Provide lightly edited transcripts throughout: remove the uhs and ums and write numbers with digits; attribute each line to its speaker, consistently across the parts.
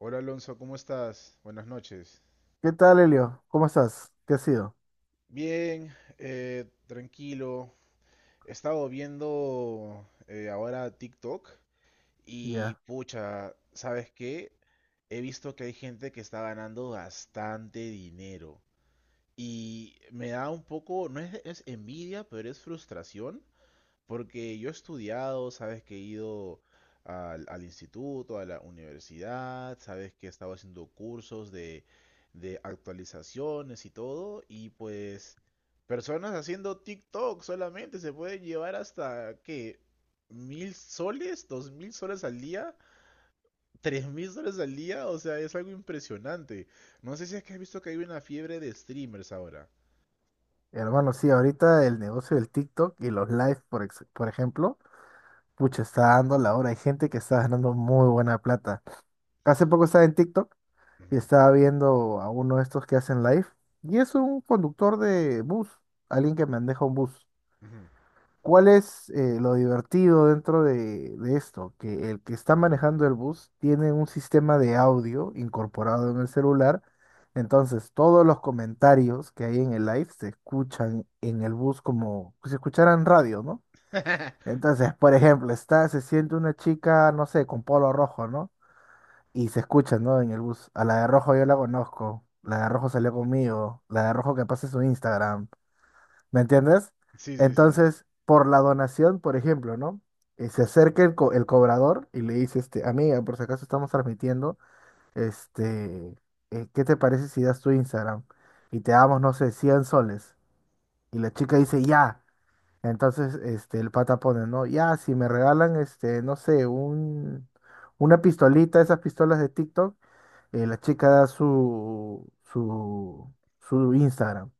Speaker 1: Hola Alonso, ¿cómo estás? Buenas noches.
Speaker 2: ¿Qué tal, Elio? ¿Cómo estás? ¿Qué ha sido?
Speaker 1: Bien, tranquilo. He estado viendo ahora TikTok. Y
Speaker 2: Ya,
Speaker 1: pucha, ¿sabes qué? He visto que hay gente que está ganando bastante dinero y me da un poco, no es, es envidia, pero es frustración. Porque yo he estudiado, sabes que he ido al instituto, a la universidad. Sabes que he estado haciendo cursos de actualizaciones y todo, y pues personas haciendo TikTok solamente se pueden llevar hasta, ¿qué? ¿1000 soles? ¿2000 soles al día? ¿3000 soles al día? O sea, es algo impresionante. No sé si es que has visto que hay una fiebre de streamers ahora.
Speaker 2: hermano, sí, ahorita el negocio del TikTok y los live, por ejemplo, pucha, está dando la hora. Hay gente que está ganando muy buena plata. Hace poco estaba en TikTok y
Speaker 1: Ujú,
Speaker 2: estaba viendo a uno de estos que hacen live y es un conductor de bus, alguien que maneja un bus.
Speaker 1: ujú.
Speaker 2: ¿Cuál es lo divertido dentro de esto? Que el que está manejando el bus tiene un sistema de audio incorporado en el celular, entonces todos los comentarios que hay en el live se escuchan en el bus como si escucharan radio, ¿no? Entonces, por ejemplo, se siente una chica, no sé, con polo rojo, ¿no? Y se escucha, ¿no? En el bus. A la de rojo yo la conozco, la de rojo salió conmigo, la de rojo que pase su Instagram. ¿Me entiendes?
Speaker 1: Sí, sí, sí.
Speaker 2: Entonces, por la donación, por ejemplo, ¿no? Y se acerca el cobrador y le dice, este, amiga, por si acaso estamos transmitiendo, este, ¿qué te parece si das tu Instagram? Y te damos, no sé, 100 soles. Y la chica dice, ya. Entonces, este, el pata pone, ¿no? Ya, si me regalan, este, no sé, una pistolita, esas pistolas de TikTok, la chica da su, su Instagram.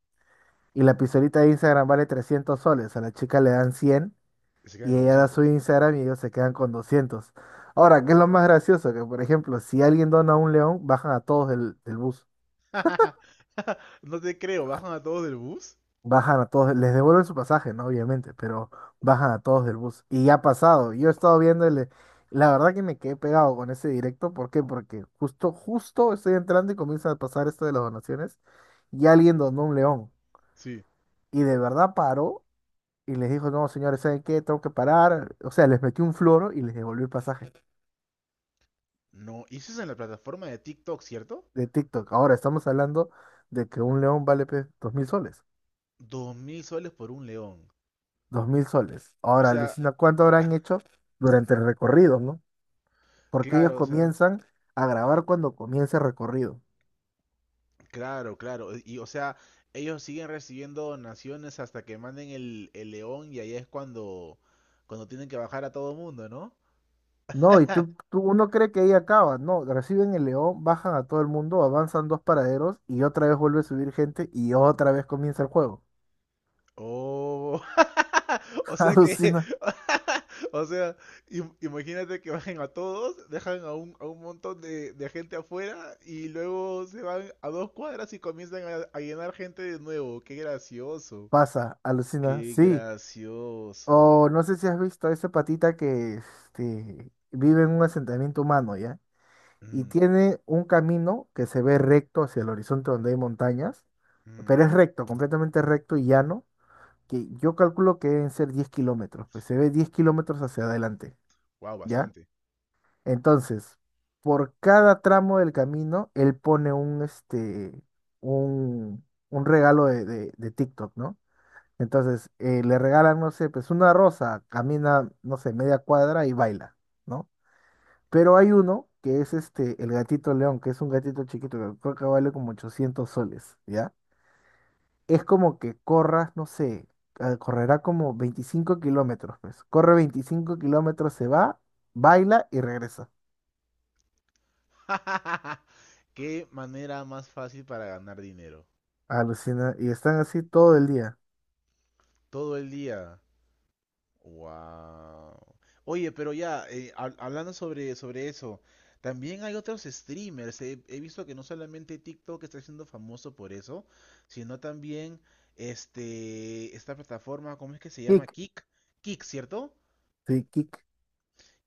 Speaker 2: Y la pistolita de Instagram vale 300 soles. A la chica le dan 100
Speaker 1: Se quedan
Speaker 2: y
Speaker 1: con
Speaker 2: ella da su
Speaker 1: 200.
Speaker 2: Instagram y ellos se quedan con 200. Ahora, ¿qué es lo más gracioso? Que, por ejemplo, si alguien dona un león, bajan a todos del bus.
Speaker 1: No te creo, ¿bajan a todos del bus?
Speaker 2: Bajan a todos, les devuelven su pasaje, ¿no? Obviamente, pero bajan a todos del bus. Y ya ha pasado. Yo he estado viendo. La verdad que me quedé pegado con ese directo. ¿Por qué? Porque justo, justo estoy entrando y comienza a pasar esto de las donaciones y alguien donó un león.
Speaker 1: Sí.
Speaker 2: Y de verdad paró y les dijo, no, señores, ¿saben qué? Tengo que parar. O sea, les metió un floro y les devolvió el pasaje
Speaker 1: No, y eso es en la plataforma de TikTok, ¿cierto?
Speaker 2: de TikTok. Ahora estamos hablando de que un león vale pues, 2,000 soles.
Speaker 1: 2000 soles por un león.
Speaker 2: 2,000 soles.
Speaker 1: O
Speaker 2: Ahora,
Speaker 1: sea,
Speaker 2: alucina, ¿cuánto habrán hecho durante el recorrido, no? Porque ellos
Speaker 1: claro, o sea,
Speaker 2: comienzan a grabar cuando comienza el recorrido.
Speaker 1: claro, claro. Y o sea, ellos siguen recibiendo donaciones hasta que manden el león, y ahí es cuando tienen que bajar a todo mundo, ¿no?
Speaker 2: No, y uno cree que ahí acaba. No, reciben el león, bajan a todo el mundo, avanzan dos paraderos y otra vez vuelve a subir gente y otra vez comienza el juego.
Speaker 1: Oh, o sea que,
Speaker 2: Alucina,
Speaker 1: o sea, imagínate que bajen a todos, dejan a un montón de gente afuera, y luego se van a 2 cuadras y comienzan a llenar gente de nuevo. Qué gracioso,
Speaker 2: pasa, alucina,
Speaker 1: qué
Speaker 2: sí.
Speaker 1: gracioso.
Speaker 2: O no sé si has visto a esa patita que este, vive en un asentamiento humano, ¿ya? Y tiene un camino que se ve recto hacia el horizonte donde hay montañas, pero es recto, completamente recto y llano, que yo calculo que deben ser 10 kilómetros, pues se ve 10 kilómetros hacia adelante,
Speaker 1: Wow,
Speaker 2: ¿ya?
Speaker 1: bastante.
Speaker 2: Entonces, por cada tramo del camino, él pone un, un regalo de TikTok, ¿no? Entonces, le regalan, no sé, pues una rosa, camina, no sé, media cuadra y baila, ¿no? Pero hay uno que es este, el gatito león, que es un gatito chiquito, que creo que vale como 800 soles, ¿ya? Es como que corras, no sé, correrá como 25 kilómetros, pues. Corre 25 kilómetros, se va, baila y regresa.
Speaker 1: Qué manera más fácil para ganar dinero.
Speaker 2: Alucina, y están así todo el día.
Speaker 1: Todo el día. Wow. Oye, pero ya, hablando sobre eso, también hay otros streamers. He visto que no solamente TikTok está siendo famoso por eso, sino también esta plataforma. ¿Cómo es que se llama?
Speaker 2: Kick,
Speaker 1: Kick. Kick, ¿cierto?
Speaker 2: sí, kick.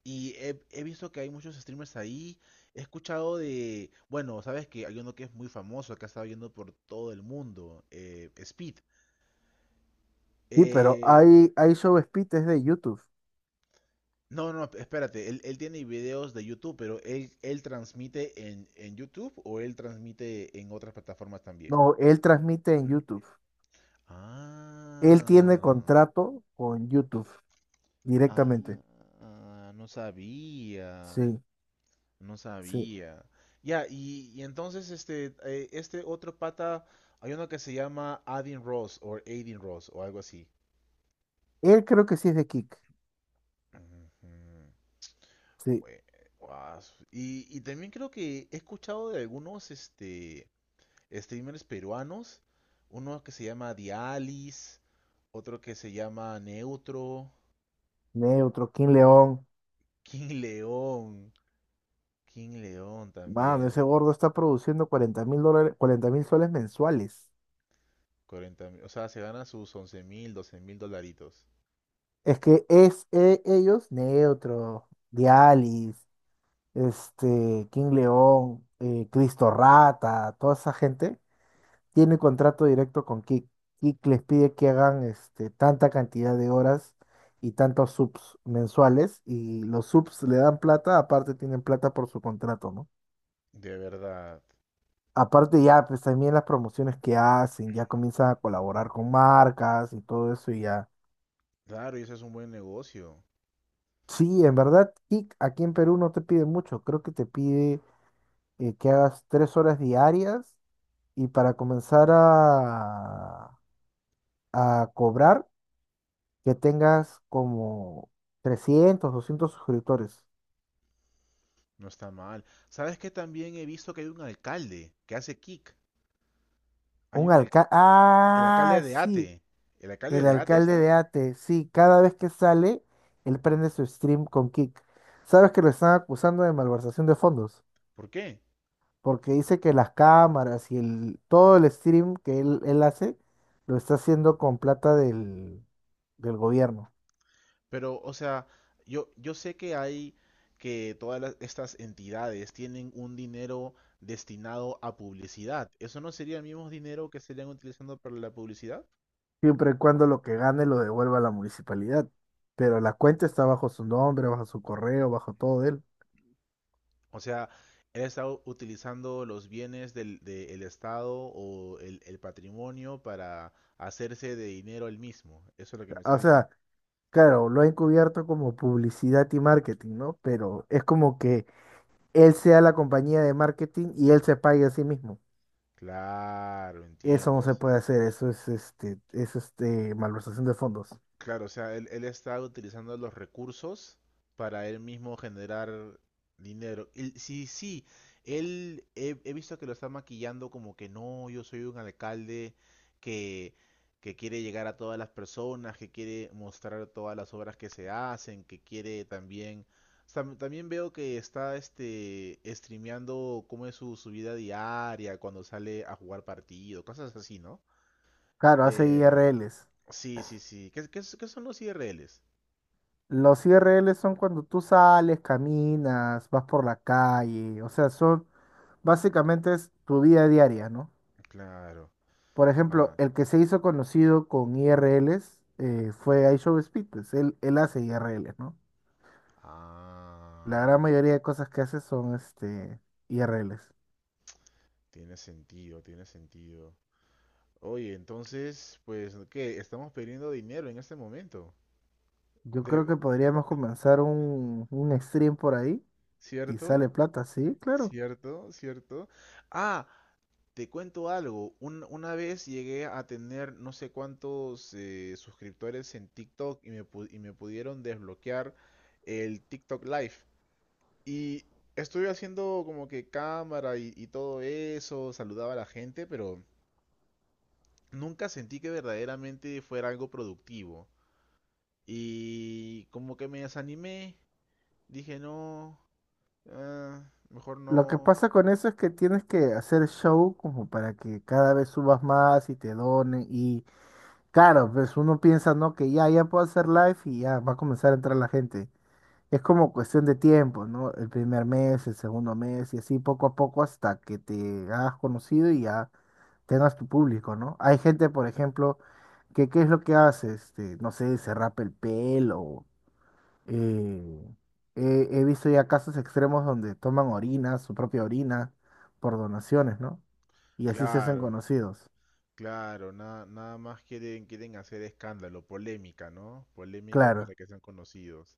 Speaker 1: Y he visto que hay muchos streamers ahí. He escuchado de, bueno, sabes que hay uno que es muy famoso, que ha estado yendo por todo el mundo, Speed.
Speaker 2: Sí, pero
Speaker 1: Eh,
Speaker 2: hay show es de YouTube.
Speaker 1: No, no, espérate, él tiene videos de YouTube, pero él transmite en YouTube o él transmite en otras plataformas también.
Speaker 2: No, él transmite en YouTube. Él tiene
Speaker 1: Ah,
Speaker 2: contrato con YouTube directamente.
Speaker 1: ah, no sabía,
Speaker 2: Sí,
Speaker 1: no
Speaker 2: sí.
Speaker 1: sabía. Ya, y entonces este otro pata, hay uno que se llama Adin Ross o algo así.
Speaker 2: Él creo que sí es de Kick.
Speaker 1: Ujú,
Speaker 2: Sí.
Speaker 1: güey, guas. Y también creo que he escuchado de algunos, streamers peruanos. Uno que se llama Dialis, otro que se llama Neutro,
Speaker 2: Neutro, King León.
Speaker 1: King León, King León
Speaker 2: Mano, ese
Speaker 1: también.
Speaker 2: gordo está produciendo $40,000, 40,000 soles mensuales.
Speaker 1: 40, o sea, se gana sus 11 mil, 12 mil dolaritos.
Speaker 2: Es que es ellos, Neutro, Dialis, este, King León, Cristo Rata, toda esa gente, tiene contrato directo con Kick. Kick les pide que hagan este, tanta cantidad de horas y tantos subs mensuales y los subs le dan plata, aparte tienen plata por su contrato, ¿no?
Speaker 1: De verdad.
Speaker 2: Aparte ya, pues también las promociones que hacen, ya comienzan a colaborar con marcas y todo eso y ya.
Speaker 1: Claro, y eso es un buen negocio.
Speaker 2: Sí, en verdad, Kick aquí en Perú no te pide mucho, creo que te pide que hagas 3 horas diarias y para comenzar a cobrar que tengas como 300 200 suscriptores.
Speaker 1: No está mal. ¿Sabes qué? También he visto que hay un alcalde que hace kick. Hay
Speaker 2: Un
Speaker 1: un al-
Speaker 2: alcalde.
Speaker 1: el
Speaker 2: Ah,
Speaker 1: alcalde de
Speaker 2: sí,
Speaker 1: Ate. ¿El alcalde
Speaker 2: el
Speaker 1: de Ate
Speaker 2: alcalde
Speaker 1: será?
Speaker 2: de Ate. Sí, cada vez que sale, él prende su stream con Kick. Sabes que lo están acusando de malversación de fondos,
Speaker 1: ¿Por qué?
Speaker 2: porque dice que las cámaras y todo el stream que él hace lo está haciendo con plata del gobierno,
Speaker 1: Pero, o sea, yo sé que hay que todas estas entidades tienen un dinero destinado a publicidad. ¿Eso no sería el mismo dinero que estarían utilizando para la publicidad?
Speaker 2: siempre y cuando lo que gane lo devuelva a la municipalidad. Pero la cuenta está bajo su nombre, bajo su correo, bajo todo de él.
Speaker 1: O sea, él está utilizando los bienes del Estado o el patrimonio para hacerse de dinero él mismo. Eso es lo que me estás
Speaker 2: O sea,
Speaker 1: diciendo.
Speaker 2: claro, lo ha encubierto como publicidad y marketing, ¿no? Pero es como que él sea la compañía de marketing y él se pague a sí mismo.
Speaker 1: Claro,
Speaker 2: Eso no
Speaker 1: entiendo.
Speaker 2: se puede hacer, eso es malversación de fondos.
Speaker 1: Claro, o sea, él está utilizando los recursos para él mismo generar dinero. Y sí, sí, él he visto que lo está maquillando como que no, yo soy un alcalde que, que quiere llegar a todas las personas, que quiere mostrar todas las obras que se hacen, que quiere también... También veo que está streameando cómo es su vida diaria, cuando sale a jugar partido, cosas así, ¿no?
Speaker 2: Claro, hace
Speaker 1: Eh,
Speaker 2: IRLs.
Speaker 1: Sí, sí, sí. ¿Qué son los IRLs?
Speaker 2: Los IRLs son cuando tú sales, caminas, vas por la calle, o sea, son básicamente es tu vida diaria, ¿no?
Speaker 1: Claro.
Speaker 2: Por ejemplo,
Speaker 1: Ma-
Speaker 2: el que se hizo conocido con IRLs fue iShow Speed, pues él hace IRLs, ¿no? La
Speaker 1: Ah,
Speaker 2: gran mayoría de cosas que haces son este IRLs.
Speaker 1: tiene sentido, tiene sentido. Oye, entonces, pues, ¿qué? Estamos perdiendo dinero en este momento.
Speaker 2: Yo creo
Speaker 1: De-
Speaker 2: que podríamos comenzar un stream por ahí y
Speaker 1: ¿Cierto?
Speaker 2: sale plata, sí, claro.
Speaker 1: ¿Cierto? ¿Cierto? Ah, te cuento algo. Una vez llegué a tener no sé cuántos suscriptores en TikTok, y y me pudieron desbloquear el TikTok Live. Y estuve haciendo como que cámara y todo eso, saludaba a la gente, pero nunca sentí que verdaderamente fuera algo productivo. Y como que me desanimé. Dije, no, ah, mejor
Speaker 2: Lo que
Speaker 1: no.
Speaker 2: pasa con eso es que tienes que hacer show como para que cada vez subas más y te donen. Y claro, pues uno piensa, ¿no? Que ya, ya puedo hacer live y ya va a comenzar a entrar la gente. Es como cuestión de tiempo, ¿no? El primer mes, el segundo mes y así poco a poco hasta que te hagas conocido y ya tengas tu público, ¿no? Hay gente, por ejemplo, que qué es lo que hace, este, no sé, se rapa el pelo. eh, he visto ya casos extremos donde toman orina, su propia orina, por donaciones, ¿no? Y así se hacen
Speaker 1: Claro,
Speaker 2: conocidos.
Speaker 1: claro, nada más quieren hacer escándalo, polémica, ¿no? Polémica para
Speaker 2: Claro,
Speaker 1: que sean conocidos.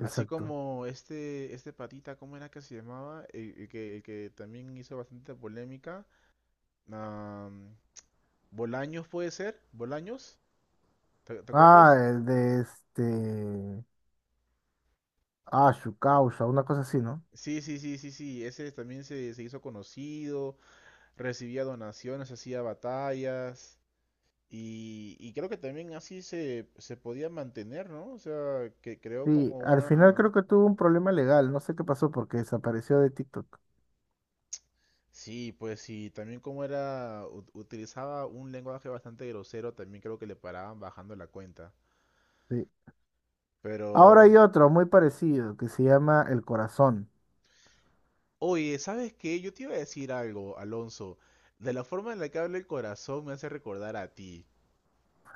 Speaker 1: Así como este patita, ¿cómo era que se llamaba? El que también hizo bastante polémica. Ah, Bolaños puede ser, Bolaños, ¿te
Speaker 2: Ah,
Speaker 1: acuerdas?
Speaker 2: el de este. Ah, su causa, una cosa así, ¿no?
Speaker 1: Sí, sí, sí, sí, sí, ese también se hizo conocido, recibía donaciones, hacía batallas, y creo que también así se podía mantener, ¿no? O sea, que creó
Speaker 2: Sí,
Speaker 1: como
Speaker 2: al
Speaker 1: una...
Speaker 2: final creo que tuvo un problema legal, no sé qué pasó porque desapareció de TikTok.
Speaker 1: Sí, pues sí, también como era, utilizaba un lenguaje bastante grosero. También creo que le paraban bajando la cuenta.
Speaker 2: Sí. Ahora
Speaker 1: Pero,
Speaker 2: hay otro muy parecido que se llama El Corazón.
Speaker 1: oye, ¿sabes qué? Yo te iba a decir algo, Alonso. De la forma en la que habla el corazón me hace recordar a ti.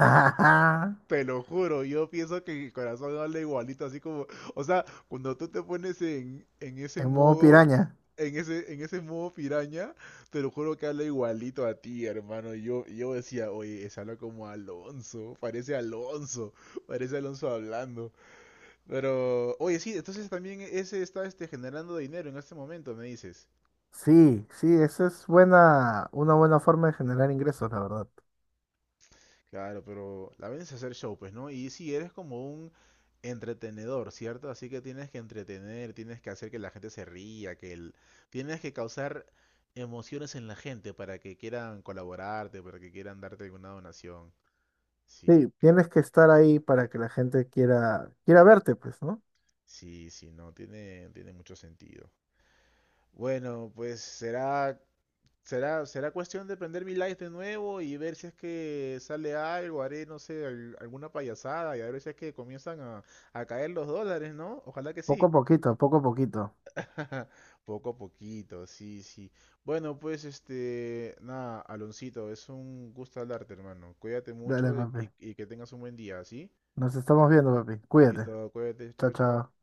Speaker 2: Ajá,
Speaker 1: Te lo juro, yo pienso que mi corazón habla igualito, así como, o sea, cuando tú te pones en ese
Speaker 2: en modo
Speaker 1: modo,
Speaker 2: piraña.
Speaker 1: en ese modo piraña, te lo juro que habla igualito a ti, hermano. Y yo decía, oye, se habla como Alonso, parece Alonso, parece Alonso hablando. Pero, oye, sí, entonces también ese está generando dinero en este momento, me dices.
Speaker 2: Sí, sí, esa es buena, una buena forma de generar ingresos, la verdad.
Speaker 1: Claro, pero la vaina es hacer show, pues, ¿no? Y si eres como un entretenedor, ¿cierto? Así que tienes que entretener, tienes que hacer que la gente se ría, que el... tienes que causar emociones en la gente para que quieran colaborarte, para que quieran darte alguna donación.
Speaker 2: Sí,
Speaker 1: Sí, claro.
Speaker 2: tienes que estar ahí para que la gente quiera verte, pues, ¿no?
Speaker 1: Sí, sí, no, tiene mucho sentido. Bueno, pues será cuestión de prender mi live de nuevo y ver si es que sale algo. Haré, no sé, alguna payasada y a ver si es que comienzan a caer los dólares, ¿no? Ojalá que
Speaker 2: Poco
Speaker 1: sí.
Speaker 2: a poquito, poco a poquito.
Speaker 1: Poco a poquito, sí, sí. Bueno, pues este, nada, Aloncito, es un gusto hablarte, hermano. Cuídate
Speaker 2: Dale,
Speaker 1: mucho y,
Speaker 2: papi.
Speaker 1: y y que tengas un buen día, ¿sí?
Speaker 2: Nos estamos viendo, papi. Cuídate.
Speaker 1: Listo, cuídate,
Speaker 2: Chao,
Speaker 1: chao, chao.
Speaker 2: chao.